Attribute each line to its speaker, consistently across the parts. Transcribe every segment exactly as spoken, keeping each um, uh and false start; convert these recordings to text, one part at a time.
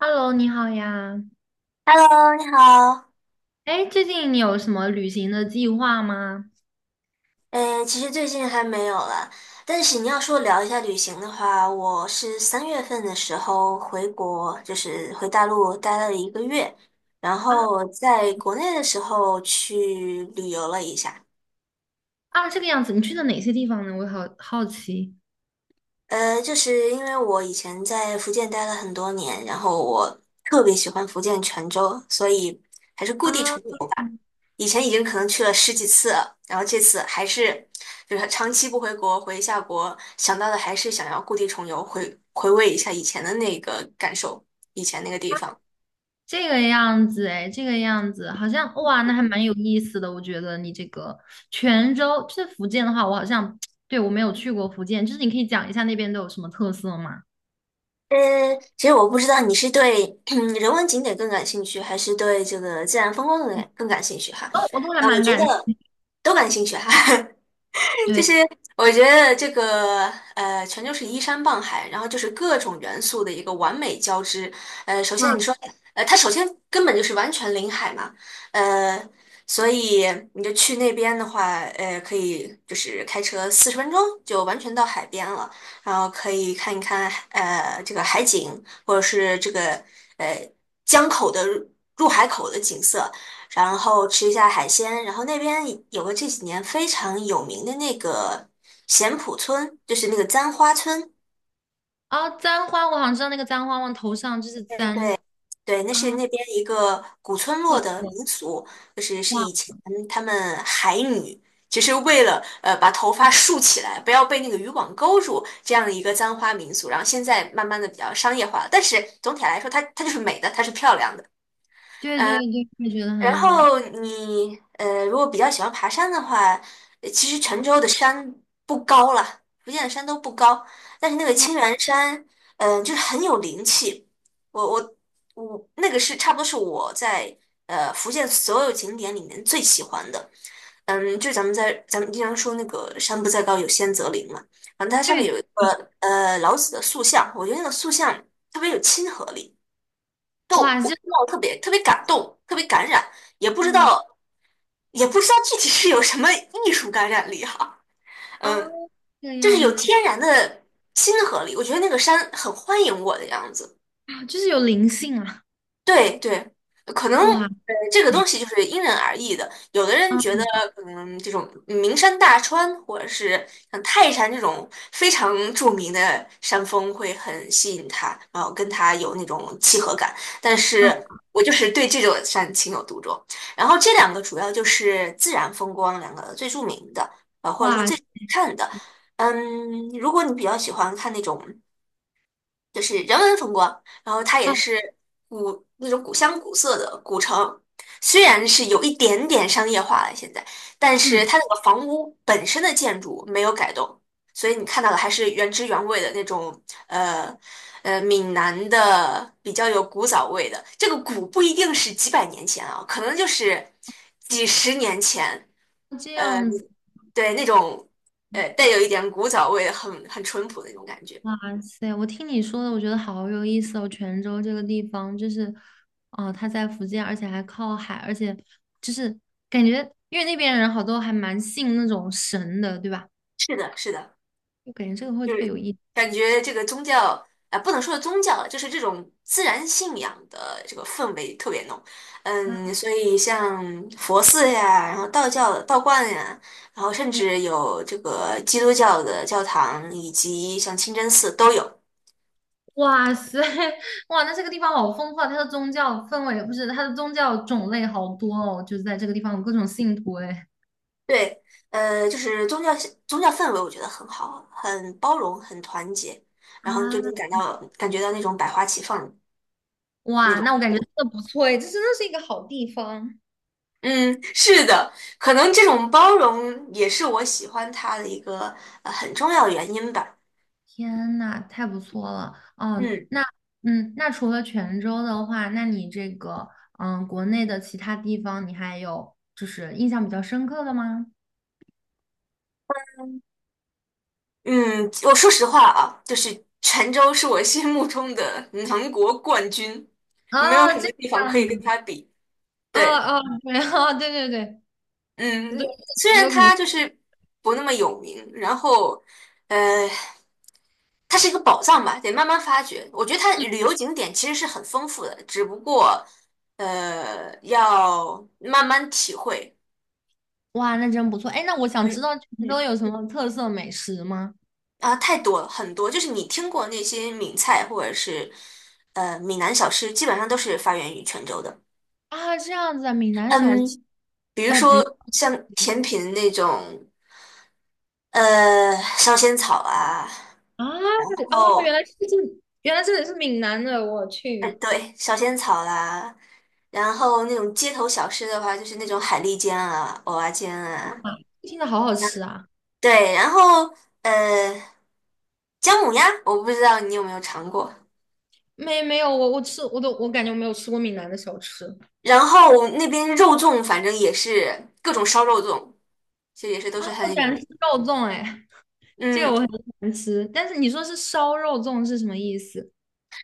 Speaker 1: Hello，你好呀。
Speaker 2: Hello，你好。
Speaker 1: 哎，最近你有什么旅行的计划吗？
Speaker 2: 呃，其实最近还没有了，但是你要说聊一下旅行的话，我是三月份的时候回国，就是回大陆待了一个月，然
Speaker 1: 啊
Speaker 2: 后在国内的时候去旅游了一下。
Speaker 1: 啊，这个样子，你去了哪些地方呢？我好好奇。
Speaker 2: 呃，就是因为我以前在福建待了很多年，然后我特别喜欢福建泉州，所以还是故地
Speaker 1: 啊，
Speaker 2: 重游吧。以前已经可能去了十几次了，然后这次还是就是长期不回国，回一下国，想到的还是想要故地重游，回回味一下以前的那个感受，以前那个地方。
Speaker 1: 这个样子，哎，这个样子，好像，哇，那还蛮有意思的。我觉得你这个泉州，就是福建的话，我好像 对，我没有去过福建，就是你可以讲一下那边都有什么特色吗？
Speaker 2: 呃，其实我不知道你是对嗯人文景点更感兴趣，还是对这个自然风光更感更感兴趣哈。
Speaker 1: 哦，我都还
Speaker 2: 啊，我
Speaker 1: 蛮
Speaker 2: 觉
Speaker 1: 感，
Speaker 2: 得都感兴趣哈。就
Speaker 1: 对。
Speaker 2: 是我觉得这个呃，全就是依山傍海，然后就是各种元素的一个完美交织。呃，首先
Speaker 1: 哇，
Speaker 2: 你说，呃，它首先根本就是完全临海嘛，呃，所以你就去那边的话，呃，可以就是开车四十分钟就完全到海边了，然后可以看一看呃这个海景，或者是这个呃江口的入海口的景色。然后吃一下海鲜。然后那边有个这几年非常有名的那个咸浦村，就是那个簪花村。
Speaker 1: 哦，簪花，我好像知道那个簪花往头上就是
Speaker 2: 哎，
Speaker 1: 簪。
Speaker 2: 对，对，那是
Speaker 1: 啊，
Speaker 2: 那边一个古村落
Speaker 1: 特
Speaker 2: 的
Speaker 1: 色。
Speaker 2: 民俗，就是是
Speaker 1: 哇，
Speaker 2: 以前他们海女。就是为了呃把头发竖起来，不要被那个渔网勾住，这样的一个簪花民俗。然后现在慢慢的比较商业化了，但是总体来说它它就是美的，它是漂亮的。
Speaker 1: 对对对，我也觉得很
Speaker 2: 然
Speaker 1: 美。
Speaker 2: 后你呃，如果比较喜欢爬山的话，呃其实泉州的山不高了，福建的山都不高，但是那个青
Speaker 1: 啊。
Speaker 2: 鸾山，嗯、就是很有灵气。我我我那个是差不多是我在呃福建所有景点里面最喜欢的。嗯，就咱们在咱们经常说那个"山不在高，有仙则灵"嘛，然后它上面
Speaker 1: 对。
Speaker 2: 有一个呃老子的塑像，我觉得那个塑像特别有亲和力。动，
Speaker 1: 哇，
Speaker 2: 我
Speaker 1: 就
Speaker 2: 看到特别特别感动，特别感染，也不知
Speaker 1: 嗯。
Speaker 2: 道也不知道具体是有什么艺术感染力哈、
Speaker 1: 哦，
Speaker 2: 嗯，
Speaker 1: 这个
Speaker 2: 就是
Speaker 1: 样
Speaker 2: 有
Speaker 1: 子
Speaker 2: 天然的亲和力，我觉得那个山很欢迎我的样子。
Speaker 1: 啊，就是有灵性啊！
Speaker 2: 对对，可能
Speaker 1: 哇
Speaker 2: 呃，这个东
Speaker 1: 塞，
Speaker 2: 西就是因人而异的。有的人觉
Speaker 1: 啊，
Speaker 2: 得，嗯，这种名山大川或者是像泰山这种非常著名的山峰会很吸引他，然后跟他有那种契合感。但
Speaker 1: 啊。
Speaker 2: 是我就是对这座山情有独钟。然后这两个主要就是自然风光两个最著名的，啊，或者说
Speaker 1: 哇，
Speaker 2: 最好看的。嗯，如果你比较喜欢看那种，就是人文风光，然后它也
Speaker 1: 哦，
Speaker 2: 是古那种古香古色的古城，虽然是有一点点商业化了现在，但是
Speaker 1: 嗯。
Speaker 2: 它那个房屋本身的建筑没有改动，所以你看到的还是原汁原味的那种，呃呃，闽南的比较有古早味的。这个古不一定是几百年前啊，可能就是几十年前，
Speaker 1: 哦这
Speaker 2: 呃，
Speaker 1: 样子，
Speaker 2: 对那种呃带有一点古早味的很很淳朴的那种感觉。
Speaker 1: 哇塞！我听你说的，我觉得好有意思哦。泉州这个地方，就是，哦，它在福建，而且还靠海，而且就是感觉，因为那边人好多还蛮信那种神的，对吧？
Speaker 2: 是的，是的。
Speaker 1: 就感觉这个会
Speaker 2: 就
Speaker 1: 特别有
Speaker 2: 是
Speaker 1: 意思。
Speaker 2: 感觉这个宗教啊、呃不能说宗教了，就是这种自然信仰的这个氛围特别浓。嗯，所以像佛寺呀，然后道教的道观呀，然后甚至有这个基督教的教堂，以及像清真寺都有。
Speaker 1: 哇塞，哇，那这个地方好丰富啊！它的宗教氛围不是，它的宗教种类好多哦，就是在这个地方有各种信徒哎。
Speaker 2: 对，呃，就是宗教宗教氛围，我觉得很好，很包容，很团结，然后就
Speaker 1: 啊，
Speaker 2: 能感到感觉到那种百花齐放。那
Speaker 1: 哇，
Speaker 2: 种。
Speaker 1: 那我感觉真的不错哎，这真的是一个好地方。
Speaker 2: 嗯，是的，可能这种包容也是我喜欢他的一个呃很重要的原因吧。
Speaker 1: 天呐，太不错了！哦，
Speaker 2: 嗯
Speaker 1: 那嗯，那除了泉州的话，那你这个嗯，国内的其他地方你还有就是印象比较深刻的吗？
Speaker 2: 嗯，我说实话啊，就是泉州是我心目中的 南国冠军，没有
Speaker 1: 哦，
Speaker 2: 什
Speaker 1: 这
Speaker 2: 么
Speaker 1: 个
Speaker 2: 地方可
Speaker 1: 样
Speaker 2: 以
Speaker 1: 子，
Speaker 2: 跟他比。
Speaker 1: 哦
Speaker 2: 对。
Speaker 1: 哦，对，哦，对对对。对，
Speaker 2: 嗯，虽
Speaker 1: 泉
Speaker 2: 然
Speaker 1: 州肯定。
Speaker 2: 它就是不那么有名，然后，呃，它是一个宝藏吧，得慢慢发掘。我觉得它旅游景点其实是很丰富的，只不过，呃，要慢慢体会。
Speaker 1: 哇，那真不错。哎，那我
Speaker 2: 然
Speaker 1: 想
Speaker 2: 后，
Speaker 1: 知道泉州
Speaker 2: 嗯，
Speaker 1: 有什么特色美食吗？
Speaker 2: 啊，太多了，很多，就是你听过那些闽菜或者是呃闽南小吃，基本上都是发源于泉州的。
Speaker 1: 啊，这样子啊，闽南小吃，
Speaker 2: 嗯，比如
Speaker 1: 呃，比如。
Speaker 2: 说像甜品那种，呃，烧仙草啊。
Speaker 1: 啊，
Speaker 2: 然
Speaker 1: 哦，原
Speaker 2: 后
Speaker 1: 来是这，原来这里是闽南的，我
Speaker 2: 哎，
Speaker 1: 去。
Speaker 2: 对，小仙草啦，然后那种街头小吃的话，就是那种海蛎煎啊、蚵仔煎啊，
Speaker 1: 啊，听着好好吃啊。
Speaker 2: 对，然后呃，姜母鸭，我不知道你有没有尝过。
Speaker 1: 没没有，我我吃我都我感觉我没有吃过闽南的小吃。
Speaker 2: 然后那边肉粽，反正也是各种烧肉粽，其实也是都
Speaker 1: 啊，
Speaker 2: 是
Speaker 1: 我
Speaker 2: 很
Speaker 1: 喜
Speaker 2: 有
Speaker 1: 欢
Speaker 2: 名。
Speaker 1: 吃肉粽，哎，这个
Speaker 2: 嗯，
Speaker 1: 我很喜欢吃。但是你说是烧肉粽是什么意思？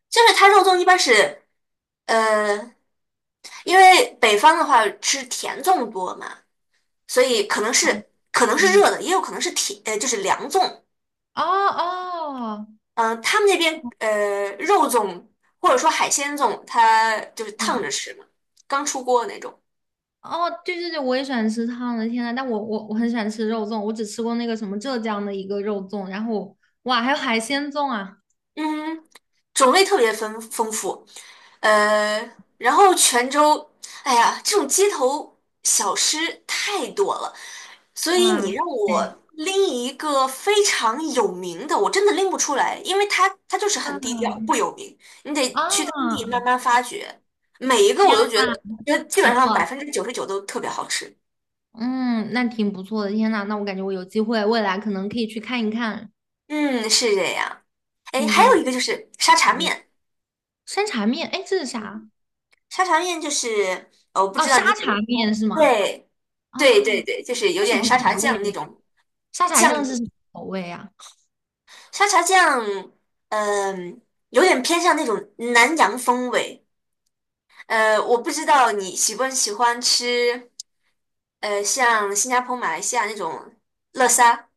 Speaker 2: 就是它肉粽一般是呃，因为北方的话吃甜粽多嘛，所以可能是可能是
Speaker 1: 啊，
Speaker 2: 热的，也有可能是甜呃就是凉粽，
Speaker 1: 哦哦。
Speaker 2: 嗯、他们那边呃肉粽或者说海鲜粽，它就是烫
Speaker 1: 哦
Speaker 2: 着吃嘛，刚出锅的那种。
Speaker 1: 哦，对对对，我也喜欢吃烫的，天呐，但我我我很喜欢吃肉粽，我只吃过那个什么浙江的一个肉粽，然后哇，还有海鲜粽啊。
Speaker 2: 嗯，种类特别丰丰富。呃，然后泉州，哎呀，这种街头小吃太多了，所以
Speaker 1: 哇
Speaker 2: 你让
Speaker 1: 塞，
Speaker 2: 我拎一个非常有名的，我真的拎不出来，因为它它就是很低调，不
Speaker 1: 嗯。
Speaker 2: 有名，你得去当地慢
Speaker 1: 啊，
Speaker 2: 慢发掘。每一个
Speaker 1: 天
Speaker 2: 我
Speaker 1: 呐，
Speaker 2: 都觉得，觉得基
Speaker 1: 不
Speaker 2: 本上百
Speaker 1: 错。
Speaker 2: 分之九十九都特别好吃。
Speaker 1: 嗯，那挺不错的，天呐，那我感觉我有机会未来可能可以去看一看。
Speaker 2: 嗯，是这样。哎，
Speaker 1: 对
Speaker 2: 还有
Speaker 1: 对，
Speaker 2: 一个就是沙茶
Speaker 1: 好有
Speaker 2: 面，
Speaker 1: 山茶面，哎，这是
Speaker 2: 嗯，
Speaker 1: 啥？
Speaker 2: 沙茶面就是呃，我不
Speaker 1: 哦，
Speaker 2: 知道
Speaker 1: 沙
Speaker 2: 你喜不
Speaker 1: 茶
Speaker 2: 喜欢，
Speaker 1: 面是吗？
Speaker 2: 对，对
Speaker 1: 啊，
Speaker 2: 对对，就是有
Speaker 1: 这什
Speaker 2: 点
Speaker 1: 么
Speaker 2: 沙茶
Speaker 1: 口
Speaker 2: 酱的那
Speaker 1: 味？
Speaker 2: 种
Speaker 1: 沙茶
Speaker 2: 酱
Speaker 1: 酱是
Speaker 2: 底
Speaker 1: 什么口味啊？
Speaker 2: 沙茶酱，嗯、有点偏向那种南洋风味。呃，我不知道你喜不喜欢吃，呃，像新加坡、马来西亚那种乐沙。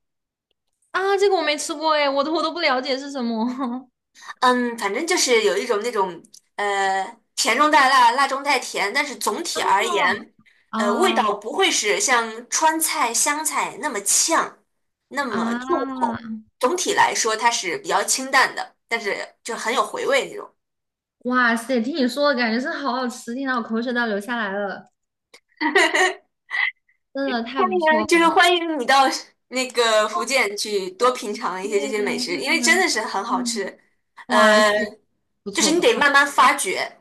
Speaker 1: 啊，这个我没吃过哎，我都我都不了解是什么。
Speaker 2: 嗯，反正就是有一种那种呃甜中带辣，辣中带甜，但是总体而
Speaker 1: 哦
Speaker 2: 言，呃，味
Speaker 1: 哦。
Speaker 2: 道不会是像川菜、湘菜那么呛，那么重
Speaker 1: 啊，
Speaker 2: 口。总体来说，它是比较清淡的，但是就很有回味那种。
Speaker 1: 哇塞！听你说的感觉是好好吃，听到我口水都要流下来了，真的太
Speaker 2: 欢
Speaker 1: 不错
Speaker 2: 迎，就是
Speaker 1: 了。
Speaker 2: 欢迎你到 那个
Speaker 1: 哦，
Speaker 2: 福建去多品尝一些这
Speaker 1: 对
Speaker 2: 些
Speaker 1: 的，
Speaker 2: 美食，
Speaker 1: 对
Speaker 2: 因为真
Speaker 1: 的，
Speaker 2: 的是很好
Speaker 1: 嗯。
Speaker 2: 吃。
Speaker 1: 哇
Speaker 2: 呃，
Speaker 1: 塞，不
Speaker 2: 就是
Speaker 1: 错
Speaker 2: 你
Speaker 1: 不
Speaker 2: 得
Speaker 1: 错。
Speaker 2: 慢慢发掘。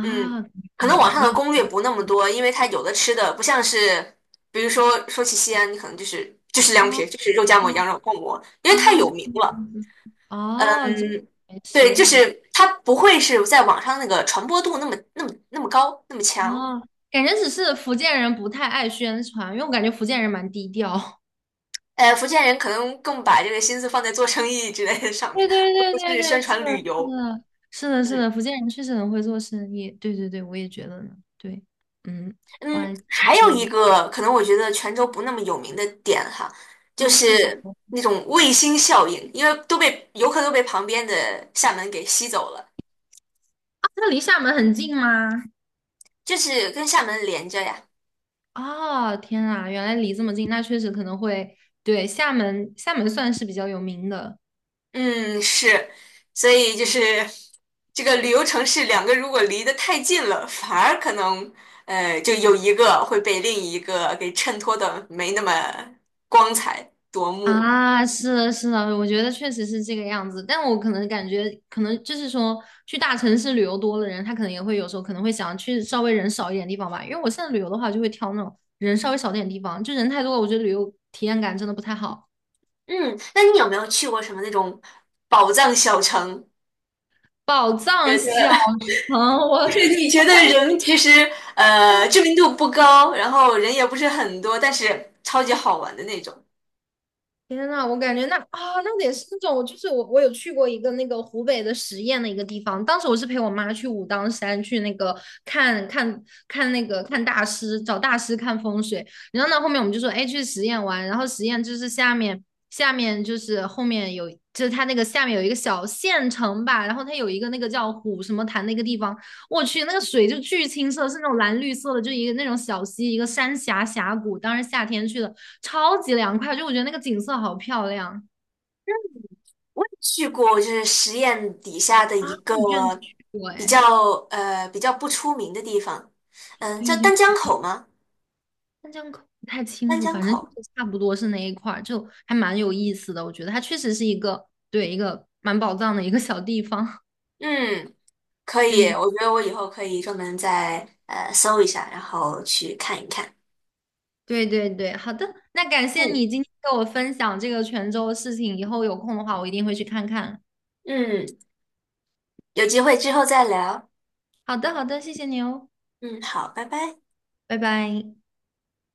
Speaker 2: 嗯，可能
Speaker 1: 对
Speaker 2: 网
Speaker 1: 的，
Speaker 2: 上的
Speaker 1: 明。
Speaker 2: 攻略不那么多，因为它有的吃的不像是，比如说说起西安，你可能就是就是凉皮
Speaker 1: 哦
Speaker 2: 儿就是肉夹馍、羊
Speaker 1: 哦。
Speaker 2: 肉泡馍，因为太
Speaker 1: 啊，
Speaker 2: 有
Speaker 1: 这
Speaker 2: 名
Speaker 1: 样
Speaker 2: 了。
Speaker 1: 子，哦，这
Speaker 2: 嗯，
Speaker 1: 没
Speaker 2: 对，
Speaker 1: 事
Speaker 2: 就
Speaker 1: 没事。
Speaker 2: 是它不会是在网上那个传播度那么那么那么高那么强。
Speaker 1: 哦，感觉只是福建人不太爱宣传，因为我感觉福建人蛮低调。
Speaker 2: 呃，福建人可能更把这个心思放在做生意之类的上
Speaker 1: 对
Speaker 2: 面，
Speaker 1: 对
Speaker 2: 而
Speaker 1: 对
Speaker 2: 不
Speaker 1: 对
Speaker 2: 是
Speaker 1: 对，
Speaker 2: 宣
Speaker 1: 是的，
Speaker 2: 传旅
Speaker 1: 是
Speaker 2: 游。
Speaker 1: 的，是的，是
Speaker 2: 嗯。
Speaker 1: 的，福建人确实很会做生意。对对对，我也觉得呢。对，嗯。哇，
Speaker 2: 嗯，
Speaker 1: 你
Speaker 2: 还有
Speaker 1: 说
Speaker 2: 一
Speaker 1: 的。
Speaker 2: 个可能我觉得泉州不那么有名的点哈，就
Speaker 1: 啊是什
Speaker 2: 是
Speaker 1: 么？
Speaker 2: 那种卫星效应，因为都被游客都被旁边的厦门给吸走了，
Speaker 1: 啊，它离厦门很近吗？
Speaker 2: 就是跟厦门连着呀。
Speaker 1: 哦，天啊，原来离这么近，那确实可能会，对，厦门，厦门算是比较有名的。
Speaker 2: 嗯，是，所以就是这个旅游城市两个如果离得太近了，反而可能呃就有一个会被另一个给衬托的没那么光彩夺目。
Speaker 1: 啊，是的，是的，我觉得确实是这个样子。但我可能感觉，可能就是说，去大城市旅游多的人，他可能也会有时候可能会想去稍微人少一点地方吧。因为我现在旅游的话，就会挑那种人稍微少点地方，就人太多了，我觉得旅游体验感真的不太好。
Speaker 2: 嗯，那你有没有去过什么那种宝藏小城？
Speaker 1: 宝藏
Speaker 2: 觉
Speaker 1: 小
Speaker 2: 得
Speaker 1: 城，
Speaker 2: 就
Speaker 1: 我
Speaker 2: 是你觉得人其实呃知名度不高，然后人也不是很多，但是超级好玩的那种。
Speaker 1: 天呐，我感觉那啊，那得是那种，就是我我有去过一个那个湖北的十堰的一个地方，当时我是陪我妈去武当山去那个看看看那个看大师，找大师看风水，然后呢后面我们就说，哎，去十堰玩，然后十堰就是下面下面就是后面有，就是它那个下面有一个小县城吧，然后它有一个那个叫虎什么潭的一个地方，我去，那个水就巨清澈，是那种蓝绿色的，就一个那种小溪，一个山峡峡谷。当时夏天去的，超级凉快，就我觉得那个景色好漂亮。
Speaker 2: 我也去过，就是实验底下的
Speaker 1: 啊！
Speaker 2: 一个
Speaker 1: 你居然去过
Speaker 2: 比较
Speaker 1: 哎？
Speaker 2: 呃比较不出名的地方，嗯，叫
Speaker 1: 对对，
Speaker 2: 丹江口吗？
Speaker 1: 但这样可不太清
Speaker 2: 丹
Speaker 1: 楚，
Speaker 2: 江
Speaker 1: 反正就
Speaker 2: 口，
Speaker 1: 是差不多是那一块儿，就还蛮有意思的。我觉得它确实是一个对一个蛮宝藏的一个小地方。
Speaker 2: 嗯，可
Speaker 1: 对
Speaker 2: 以，
Speaker 1: 对
Speaker 2: 我觉得我以后可以专门再呃搜一下，然后去看一看。
Speaker 1: 对对对，好的，那感谢
Speaker 2: 嗯
Speaker 1: 你今天给我分享这个泉州的事情，以后有空的话我一定会去看看。
Speaker 2: 嗯，有机会之后再聊。
Speaker 1: 好的好的，谢谢你哦，
Speaker 2: 嗯，好，拜拜。
Speaker 1: 拜拜。